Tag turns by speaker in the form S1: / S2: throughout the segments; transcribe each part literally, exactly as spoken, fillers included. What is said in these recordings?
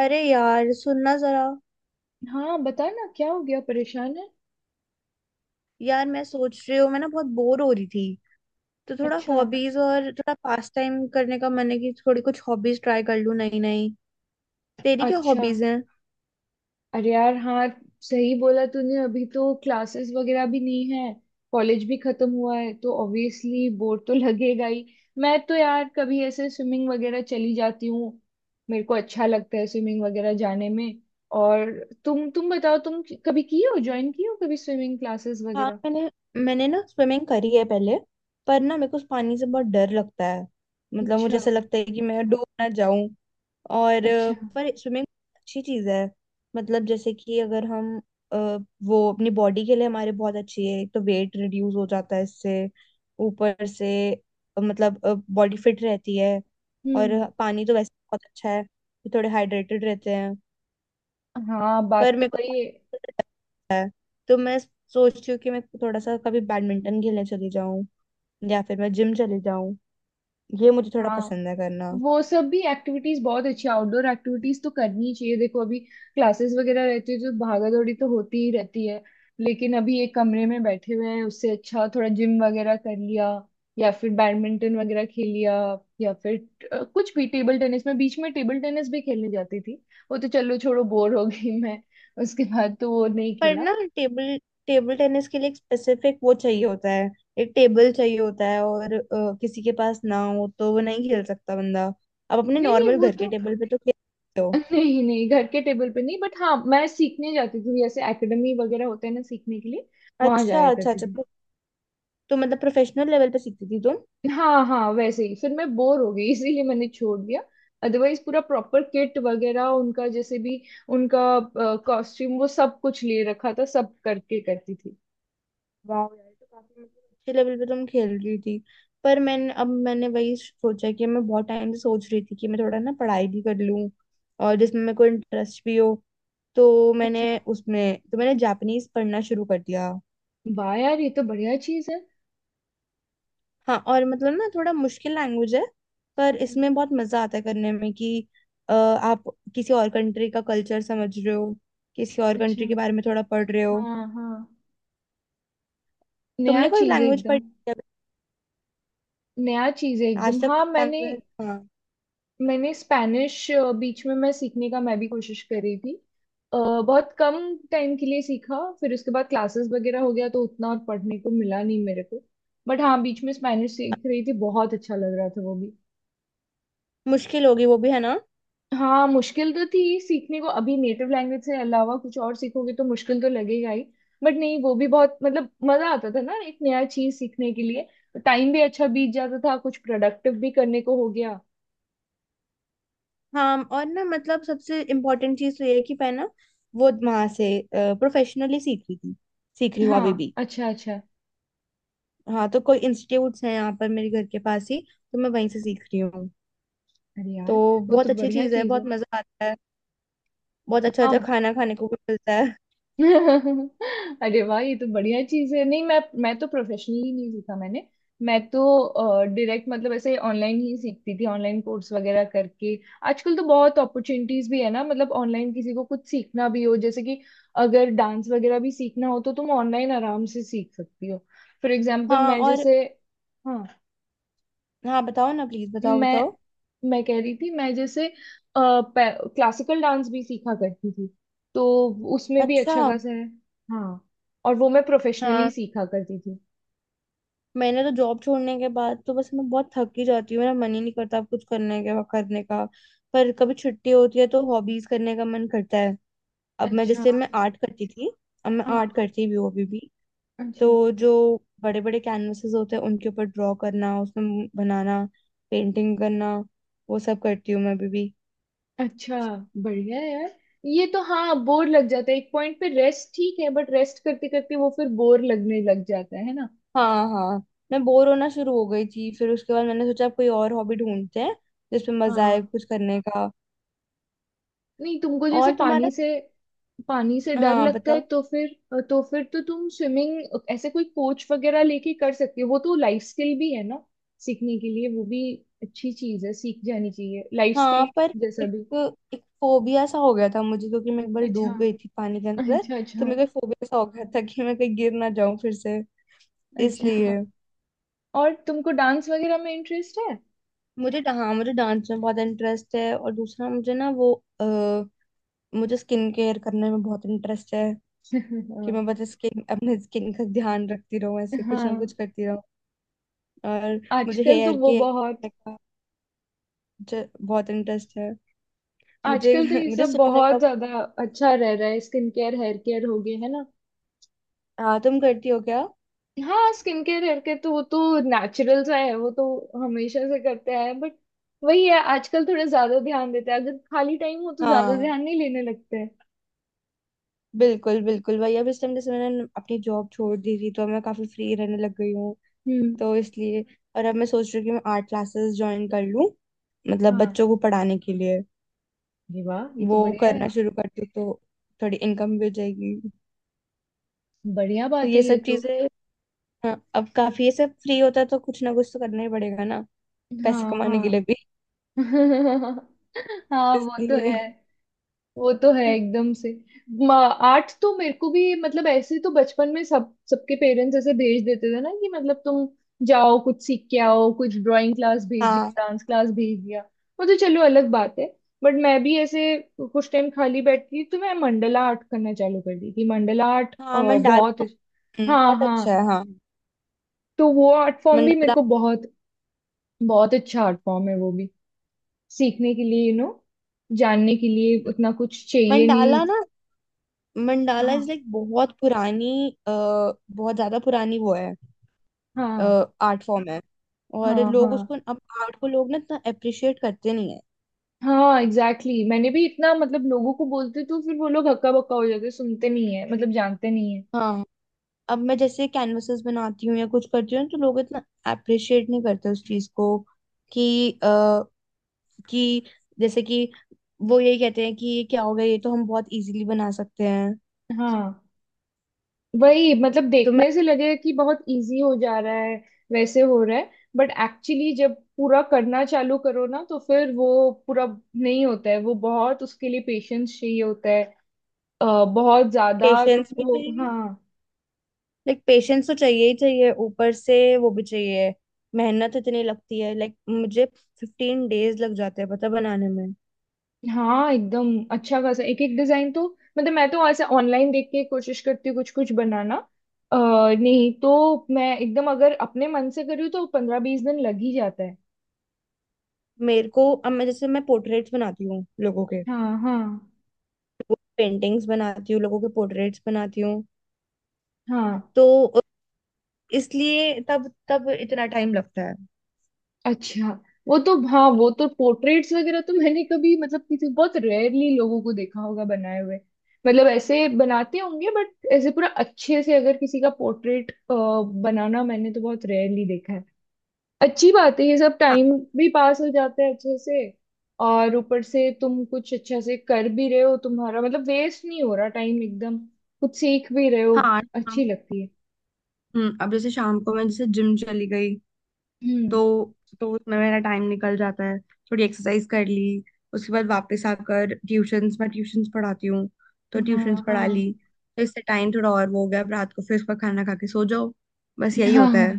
S1: अरे यार सुनना जरा।
S2: हाँ बता ना, क्या हो गया, परेशान है?
S1: यार मैं सोच रही हूँ, मैं ना बहुत बोर हो रही थी। तो थोड़ा
S2: अच्छा
S1: हॉबीज और थोड़ा पास टाइम करने का मन है कि थोड़ी कुछ हॉबीज ट्राई कर लूँ नई नई। तेरी क्या
S2: अच्छा।
S1: हॉबीज हैं?
S2: अरे यार हाँ। सही बोला तूने, अभी तो क्लासेस वगैरह भी नहीं है। कॉलेज भी खत्म हुआ है तो ऑब्वियसली बोर तो लगेगा ही। मैं तो यार कभी ऐसे स्विमिंग वगैरह चली जाती हूँ। मेरे को अच्छा लगता है स्विमिंग वगैरह जाने में। और तुम तुम बताओ, तुम कभी की हो, ज्वाइन की हो कभी स्विमिंग क्लासेस
S1: हाँ,
S2: वगैरह?
S1: मैंने मैंने ना स्विमिंग करी है पहले। पर ना मेरे को उस पानी से बहुत डर लगता है। मतलब मुझे
S2: अच्छा
S1: ऐसा लगता है कि मैं डूब ना जाऊं। और अ,
S2: अच्छा।
S1: पर स्विमिंग अच्छी चीज है। मतलब जैसे कि अगर हम अ, वो अपनी बॉडी के लिए हमारे बहुत अच्छी है। एक तो वेट रिड्यूस हो जाता है इससे, ऊपर से अ, मतलब बॉडी फिट रहती है। और
S2: हम्म।
S1: पानी तो वैसे ही बहुत अच्छा है, तो थोड़े हाइड्रेटेड रहते हैं।
S2: हाँ बात
S1: पर
S2: तो
S1: मेरे को
S2: वही है।
S1: तो मैं सोचती हूँ कि मैं थोड़ा सा कभी बैडमिंटन खेलने चली जाऊँ, या फिर मैं जिम चली जाऊँ। ये मुझे थोड़ा
S2: हाँ
S1: पसंद है करना।
S2: वो सब भी एक्टिविटीज बहुत अच्छी, आउटडोर एक्टिविटीज तो करनी ही चाहिए। देखो अभी क्लासेस वगैरह रहती है तो भागा दौड़ी तो होती ही रहती है। लेकिन अभी एक कमरे में बैठे हुए हैं, उससे अच्छा थोड़ा जिम वगैरह कर लिया या फिर बैडमिंटन वगैरह खेल लिया, या फिर अ, कुछ भी टेबल टेनिस, में बीच में टेबल टेनिस भी खेलने जाती थी। वो तो चलो छोड़ो, बोर हो गई मैं, उसके बाद तो वो नहीं
S1: पर
S2: खेला।
S1: ना टेबल टेबल टेनिस के लिए एक स्पेसिफिक वो चाहिए होता है। एक टेबल चाहिए होता है, और अ, किसी के पास ना हो तो वो नहीं खेल सकता बंदा। आप अपने
S2: नहीं नहीं
S1: नॉर्मल
S2: वो
S1: घर के
S2: तो,
S1: टेबल पे तो खेल सकते हो।
S2: नहीं नहीं घर के टेबल पे नहीं, बट हाँ मैं सीखने जाती थी, जैसे एकेडमी वगैरह होते हैं ना सीखने के लिए, वहां
S1: अच्छा
S2: जाया
S1: अच्छा
S2: करती
S1: अच्छा।
S2: थी।
S1: तो, तो मतलब प्रोफेशनल लेवल पे सीखती थी तुम?
S2: हाँ हाँ, वैसे ही फिर मैं बोर हो गई इसीलिए मैंने छोड़ दिया। अदरवाइज पूरा प्रॉपर किट वगैरह उनका, जैसे भी उनका कॉस्ट्यूम, वो सब कुछ ले रखा था, सब करके करती थी।
S1: वाह यार, तो काफी मतलब अच्छे लेवल पे तुम खेल रही थी। पर मैंने, अब मैंने वही सोचा कि मैं बहुत टाइम से सोच रही थी कि मैं थोड़ा ना पढ़ाई भी कर लूं, और जिसमें मेरे को इंटरेस्ट भी हो। तो
S2: अच्छा।
S1: मैंने उसमें तो मैंने जापानीज पढ़ना शुरू कर दिया।
S2: वाह यार ये तो बढ़िया चीज है।
S1: हाँ, और मतलब ना थोड़ा मुश्किल लैंग्वेज है, पर
S2: हम्म,
S1: इसमें बहुत मजा आता है करने में कि अ, आप किसी और कंट्री का कल्चर समझ रहे हो, किसी और
S2: अच्छा।
S1: कंट्री के बारे में थोड़ा पढ़ रहे हो।
S2: हाँ हाँ, नया
S1: तुमने कोई
S2: चीज है
S1: लैंग्वेज
S2: एकदम।
S1: पढ़ी है
S2: नया चीज है एकदम,
S1: आज तक?
S2: हाँ मैंने,
S1: लैंग्वेज, हाँ।
S2: मैंने स्पेनिश, बीच में मैं सीखने का मैं भी कोशिश कर रही थी। अ, बहुत कम टाइम के लिए सीखा, फिर उसके बाद क्लासेस वगैरह हो गया तो उतना और पढ़ने को मिला नहीं मेरे को। बट हाँ बीच में स्पेनिश सीख रही थी, बहुत अच्छा लग रहा था वो भी।
S1: मुश्किल होगी वो भी, है ना?
S2: हाँ मुश्किल तो थी सीखने को, अभी नेटिव लैंग्वेज से अलावा कुछ और सीखोगे तो मुश्किल तो लगेगा ही। बट नहीं वो भी बहुत, मतलब मजा आता था ना एक नया चीज सीखने के लिए। टाइम भी अच्छा बीत जाता था, कुछ प्रोडक्टिव भी करने को हो गया।
S1: हाँ। और ना मतलब सबसे इम्पोर्टेंट चीज तो ये है कि मैं ना वो वहां से प्रोफेशनली सीख रही थी, सीख रही हूँ
S2: हाँ
S1: अभी भी।
S2: अच्छा अच्छा।
S1: हाँ, तो कोई इंस्टीट्यूट्स हैं यहाँ पर मेरे घर के पास ही, तो मैं वहीं से सीख रही हूँ।
S2: अरे
S1: तो
S2: यार वो तो
S1: बहुत अच्छी
S2: बढ़िया
S1: चीज है,
S2: चीज
S1: बहुत
S2: है।
S1: मजा आता है। बहुत अच्छा अच्छा
S2: हाँ
S1: खाना खाने को भी मिलता है।
S2: अरे वाह ये तो बढ़िया चीज है, नहीं मैं मैं तो प्रोफेशनली नहीं सीखा मैंने। मैं तो डायरेक्ट, मतलब ऐसे ऑनलाइन ही सीखती थी, ऑनलाइन कोर्स वगैरह करके। आजकल तो बहुत अपॉर्चुनिटीज भी है ना, मतलब ऑनलाइन किसी को कुछ सीखना भी हो, जैसे कि अगर डांस वगैरह भी सीखना हो तो तुम ऑनलाइन आराम से सीख सकती हो। फॉर एग्जाम्पल
S1: हाँ
S2: मैं
S1: और
S2: जैसे, हाँ
S1: हाँ बताओ ना, प्लीज बताओ
S2: मैं
S1: बताओ।
S2: मैं कह रही थी, मैं जैसे क्लासिकल डांस भी सीखा करती थी, तो उसमें भी
S1: अच्छा।
S2: अच्छा खासा है। हाँ और वो मैं प्रोफेशनली
S1: हाँ,
S2: सीखा करती थी।
S1: मैंने तो जॉब छोड़ने के बाद तो बस मैं बहुत थक ही जाती हूँ, मेरा मन ही नहीं करता अब कुछ करने के, करने का। पर कभी छुट्टी होती है तो हॉबीज करने का मन करता है। अब मैं
S2: अच्छा।
S1: जैसे मैं आर्ट करती थी, अब मैं आर्ट
S2: हाँ
S1: करती भी हूँ अभी भी।
S2: अच्छा
S1: तो जो बड़े बड़े कैनवासेस होते हैं उनके ऊपर ड्रॉ करना, उसमें बनाना, पेंटिंग करना, वो सब करती हूँ मैं अभी भी।
S2: अच्छा। बढ़िया है यार, ये तो। हाँ बोर लग जाता है एक पॉइंट पे, रेस्ट ठीक है बट रेस्ट करते करते वो फिर बोर लगने लग जाता है है ना?
S1: हाँ हाँ, मैं बोर होना शुरू हो गई थी, फिर उसके बाद मैंने सोचा अब कोई और हॉबी ढूंढते हैं जिसमें मजा आए
S2: हाँ
S1: कुछ करने का।
S2: नहीं तुमको जैसे
S1: और तुम्हारा?
S2: पानी से, पानी से डर
S1: हाँ
S2: लगता है
S1: बताओ।
S2: तो फिर, तो फिर तो तुम स्विमिंग ऐसे कोई कोच वगैरह लेके कर सकती हो, वो तो लाइफ स्किल भी है ना सीखने के लिए, वो भी अच्छी चीज है, सीख जानी चाहिए, लाइफ स्किल
S1: हाँ, पर
S2: जैसा
S1: एक
S2: भी।
S1: एक फोबिया सा हो गया था मुझे, क्योंकि मैं एक बार
S2: अच्छा
S1: डूब गई थी पानी के अंदर।
S2: अच्छा।
S1: तो
S2: अच्छा
S1: मेरे को फोबिया सा हो गया था कि मैं कहीं गिर ना जाऊं फिर से,
S2: अच्छा।
S1: इसलिए।
S2: और तुमको डांस वगैरह में इंटरेस्ट है?
S1: मुझे डा- हाँ, मुझे डांस में बहुत इंटरेस्ट है। और दूसरा, मुझे ना वो आ, मुझे स्किन केयर करने में बहुत इंटरेस्ट है। कि
S2: हाँ
S1: मैं बस स्किन, अपने स्किन का ध्यान रखती रहूं, ऐसे कुछ
S2: हाँ।
S1: ना कुछ करती रहूं। और मुझे
S2: आजकल तो
S1: हेयर
S2: वो
S1: के
S2: बहुत,
S1: का मुझे बहुत इंटरेस्ट है। मुझे
S2: आजकल तो ये
S1: मुझे
S2: सब
S1: सोने
S2: बहुत
S1: का।
S2: ज्यादा अच्छा रह रहा है, स्किन केयर हेयर केयर हो गए, है ना?
S1: हाँ, तुम करती हो क्या?
S2: हाँ स्किन केयर करके तो, वो तो नेचुरल सा है वो तो, हमेशा से करते आए हैं बट, वही है आजकल थोड़ा ज्यादा ध्यान देते हैं, अगर खाली टाइम हो तो ज्यादा
S1: हाँ,
S2: ध्यान नहीं लेने लगते हैं।
S1: बिल्कुल बिल्कुल भाई, अब इस टाइम जैसे मैंने अपनी जॉब छोड़ दी थी तो अब मैं काफी फ्री रहने लग गई हूँ।
S2: हम्म।
S1: तो इसलिए, और अब मैं सोच रही हूँ कि मैं आर्ट क्लासेस ज्वाइन कर लूँ, मतलब
S2: हाँ
S1: बच्चों को पढ़ाने के लिए।
S2: ये वाह ये तो
S1: वो
S2: बढ़िया है।
S1: करना शुरू करती हूँ तो थोड़ी इनकम भी हो जाएगी।
S2: बढ़िया
S1: तो
S2: बात है
S1: ये
S2: ये
S1: सब
S2: तो।
S1: चीजें, हाँ अब काफी ये सब फ्री होता है तो कुछ ना कुछ तो करना ही पड़ेगा ना, पैसे
S2: हाँ
S1: कमाने के लिए
S2: हाँ।
S1: भी।
S2: हाँ वो तो
S1: इसलिए
S2: है, वो तो है एकदम से। म- आर्ट तो मेरे को भी, मतलब ऐसे तो बचपन में सब, सबके पेरेंट्स ऐसे भेज देते थे ना, कि मतलब तुम जाओ कुछ सीख के आओ, कुछ ड्राइंग क्लास भेज दिया,
S1: हाँ
S2: डांस क्लास भेज दिया। वो तो चलो अलग बात है। बट मैं भी ऐसे कुछ टाइम खाली बैठती थी तो मैं मंडला आर्ट करना चालू कर दी थी, मंडला आर्ट अ,
S1: हाँ,
S2: बहुत।
S1: मंडाला। हम्म,
S2: हाँ
S1: बहुत अच्छा
S2: हाँ,
S1: है, हाँ।
S2: तो वो आर्ट फॉर्म भी मेरे
S1: मंडाला,
S2: को बहुत, बहुत अच्छा आर्ट फॉर्म है वो भी, सीखने के लिए, यू नो जानने के लिए उतना कुछ चाहिए
S1: मंडाला
S2: नहीं।
S1: ना, मंडाला
S2: हाँ
S1: इज लाइक बहुत पुरानी, अ, बहुत ज्यादा पुरानी वो है।
S2: हाँ
S1: आर्ट फॉर्म है, और
S2: हाँ हाँ।
S1: लोग उसको, अब आर्ट को लोग ना इतना अप्रिशिएट करते नहीं है।
S2: हाँ एग्जैक्टली exactly। मैंने भी इतना, मतलब लोगों को बोलते तो फिर वो लोग हक्का बक्का हो जाते, सुनते नहीं है, मतलब जानते नहीं है।
S1: हाँ, अब मैं जैसे कैनवसेस बनाती हूँ या कुछ करती हूँ तो लोग इतना अप्रिशिएट नहीं करते उस चीज को। कि आ, कि जैसे कि वो यही कहते हैं कि ये क्या हो गया, ये तो हम बहुत इजीली बना सकते हैं।
S2: हाँ वही, मतलब
S1: तो मैं
S2: देखने से लगेगा कि बहुत इजी हो जा रहा है, वैसे हो रहा है, बट एक्चुअली जब पूरा करना चालू करो ना, तो फिर वो पूरा नहीं होता है, वो बहुत उसके लिए पेशेंस चाहिए होता है, अ, बहुत ज्यादा
S1: पेशेंस भी
S2: तुमको,
S1: चाहिए,
S2: हाँ।
S1: लाइक पेशेंस तो चाहिए ही चाहिए, ऊपर से वो भी चाहिए। मेहनत इतनी लगती है, लाइक मुझे फिफ्टीन डेज लग जाते हैं पता बनाने में।
S2: हाँ एकदम अच्छा खासा, एक एक डिजाइन तो, मतलब मैं तो ऐसे ऑनलाइन देख के कोशिश करती हूँ कुछ कुछ बनाना। आ, नहीं तो मैं एकदम अगर अपने मन से करूँ तो पंद्रह बीस दिन लग ही जाता है।
S1: मेरे को, अब मैं जैसे मैं पोर्ट्रेट्स बनाती हूँ लोगों के,
S2: हाँ हाँ।
S1: पेंटिंग्स बनाती हूँ, लोगों के पोर्ट्रेट्स बनाती हूँ।
S2: हाँ
S1: तो इसलिए तब तब इतना टाइम लगता है।
S2: अच्छा। वो तो हाँ, वो तो पोर्ट्रेट्स वगैरह तो मैंने कभी, मतलब किसी, बहुत रेयरली लोगों को देखा होगा बनाए हुए, मतलब ऐसे बनाते होंगे, बट ऐसे पूरा अच्छे से अगर किसी का पोर्ट्रेट बनाना, मैंने तो बहुत रेयरली देखा है। अच्छी बात है, ये सब
S1: हाँ
S2: टाइम भी पास हो जाता है अच्छे से, और ऊपर से तुम कुछ अच्छा से कर भी रहे हो, तुम्हारा मतलब वेस्ट नहीं हो रहा टाइम एकदम, कुछ सीख भी रहे हो,
S1: हाँ। शाम-
S2: अच्छी लगती है।
S1: हम्म, अब जैसे शाम को मैं जैसे जिम चली गई
S2: हम्म।
S1: तो तो उसमें मेरा टाइम निकल जाता है, थोड़ी एक्सरसाइज कर ली। उसके बाद वापस आकर ट्यूशंस, मैं ट्यूशंस पढ़ाती हूँ, तो ट्यूशंस
S2: हाँ हाँ
S1: पढ़ा ली। तो इससे टाइम थोड़ा और वो हो गया। अब रात को फिर उसका खाना खा के सो जाओ, बस यही
S2: हाँ
S1: होता
S2: हाँ।
S1: है।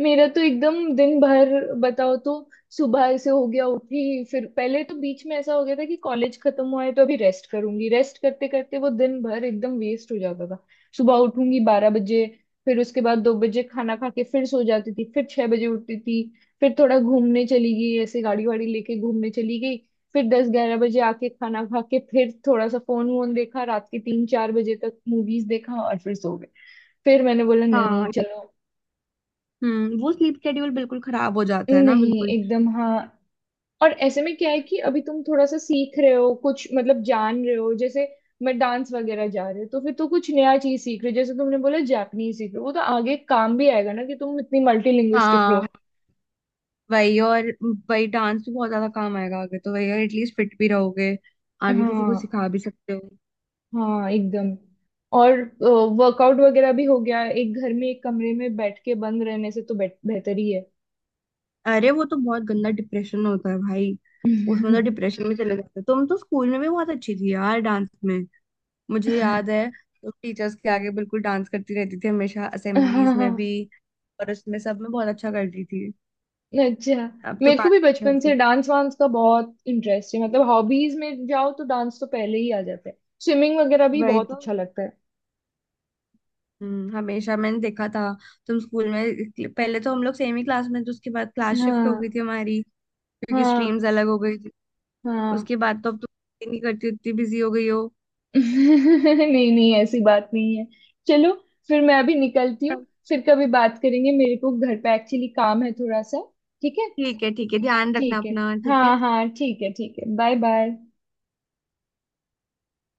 S2: मेरा तो एकदम दिन भर, बताओ तो, सुबह से हो गया उठी, फिर पहले तो बीच में ऐसा हो गया था कि कॉलेज खत्म हुआ है तो अभी रेस्ट करूंगी, रेस्ट करते करते वो दिन भर एकदम वेस्ट हो जाता था। सुबह उठूंगी बारह बजे, फिर उसके बाद दो बजे खाना खा के फिर सो जाती थी, फिर छह बजे उठती थी, फिर थोड़ा घूमने चली गई, ऐसे गाड़ी वाड़ी लेके घूमने चली गई, फिर दस ग्यारह बजे आके खाना खा के, फिर थोड़ा सा फोन वोन देखा, रात के तीन चार बजे तक मूवीज देखा और फिर सो गए, फिर मैंने बोला नहीं
S1: हाँ
S2: चलो।
S1: हम्म, वो स्लीप शेड्यूल बिल्कुल खराब हो जाता है ना,
S2: नहीं
S1: बिल्कुल।
S2: एकदम, हाँ। और ऐसे में क्या है कि अभी तुम थोड़ा सा सीख रहे हो कुछ, मतलब जान रहे हो, जैसे मैं डांस वगैरह जा रहे हो तो फिर तो कुछ नया चीज सीख रहे हो, जैसे तुमने बोला जापनीज सीख रहे हो, वो तो आगे काम भी आएगा ना, कि तुम इतनी मल्टीलिंग्विस्टिक हो।
S1: हाँ वही, और वही डांस भी बहुत ज्यादा काम आएगा आगे, तो वही और एटलीस्ट फिट भी रहोगे, आगे किसी को
S2: हाँ
S1: सिखा भी सकते हो।
S2: हाँ एकदम। और वर्कआउट वगैरह भी हो गया, एक घर में एक कमरे में बैठ के बंद रहने से तो बेट- बेहतर ही है।
S1: अरे वो तो बहुत गंदा डिप्रेशन होता है भाई, उसमें तो डिप्रेशन में चले जाते हैं। तुम तो स्कूल में भी बहुत अच्छी थी यार डांस में, मुझे याद है। तुम टीचर्स के आगे बिल्कुल डांस करती रहती थी हमेशा,
S2: हाँ
S1: असेंबलीज
S2: हाँ।
S1: में भी, और उसमें सब में बहुत अच्छा करती थी।
S2: अच्छा
S1: अब तो
S2: मेरे को
S1: बात
S2: भी
S1: नहीं
S2: बचपन से
S1: होती।
S2: डांस वांस का बहुत इंटरेस्ट है, मतलब हॉबीज में जाओ तो डांस तो पहले ही आ जाता है, स्विमिंग वगैरह भी
S1: वही
S2: बहुत
S1: तो।
S2: अच्छा लगता है।
S1: हम्म, हमेशा मैंने देखा था। तुम स्कूल में, पहले तो हम लोग सेम ही क्लास में थे, उसके बाद क्लास शिफ्ट हो
S2: हाँ
S1: गई थी हमारी क्योंकि
S2: हाँ
S1: स्ट्रीम्स अलग हो गई थी।
S2: हाँ।
S1: उसके बाद तो अब तुम नहीं करती, उतनी बिजी हो गई हो।
S2: नहीं नहीं ऐसी बात नहीं है। चलो फिर मैं अभी निकलती हूँ, फिर कभी बात करेंगे, मेरे को घर पे एक्चुअली काम है थोड़ा सा। ठीक है
S1: ठीक है ठीक है, ध्यान रखना
S2: ठीक है।
S1: अपना, ठीक है।
S2: हाँ हाँ ठीक है ठीक है बाय बाय।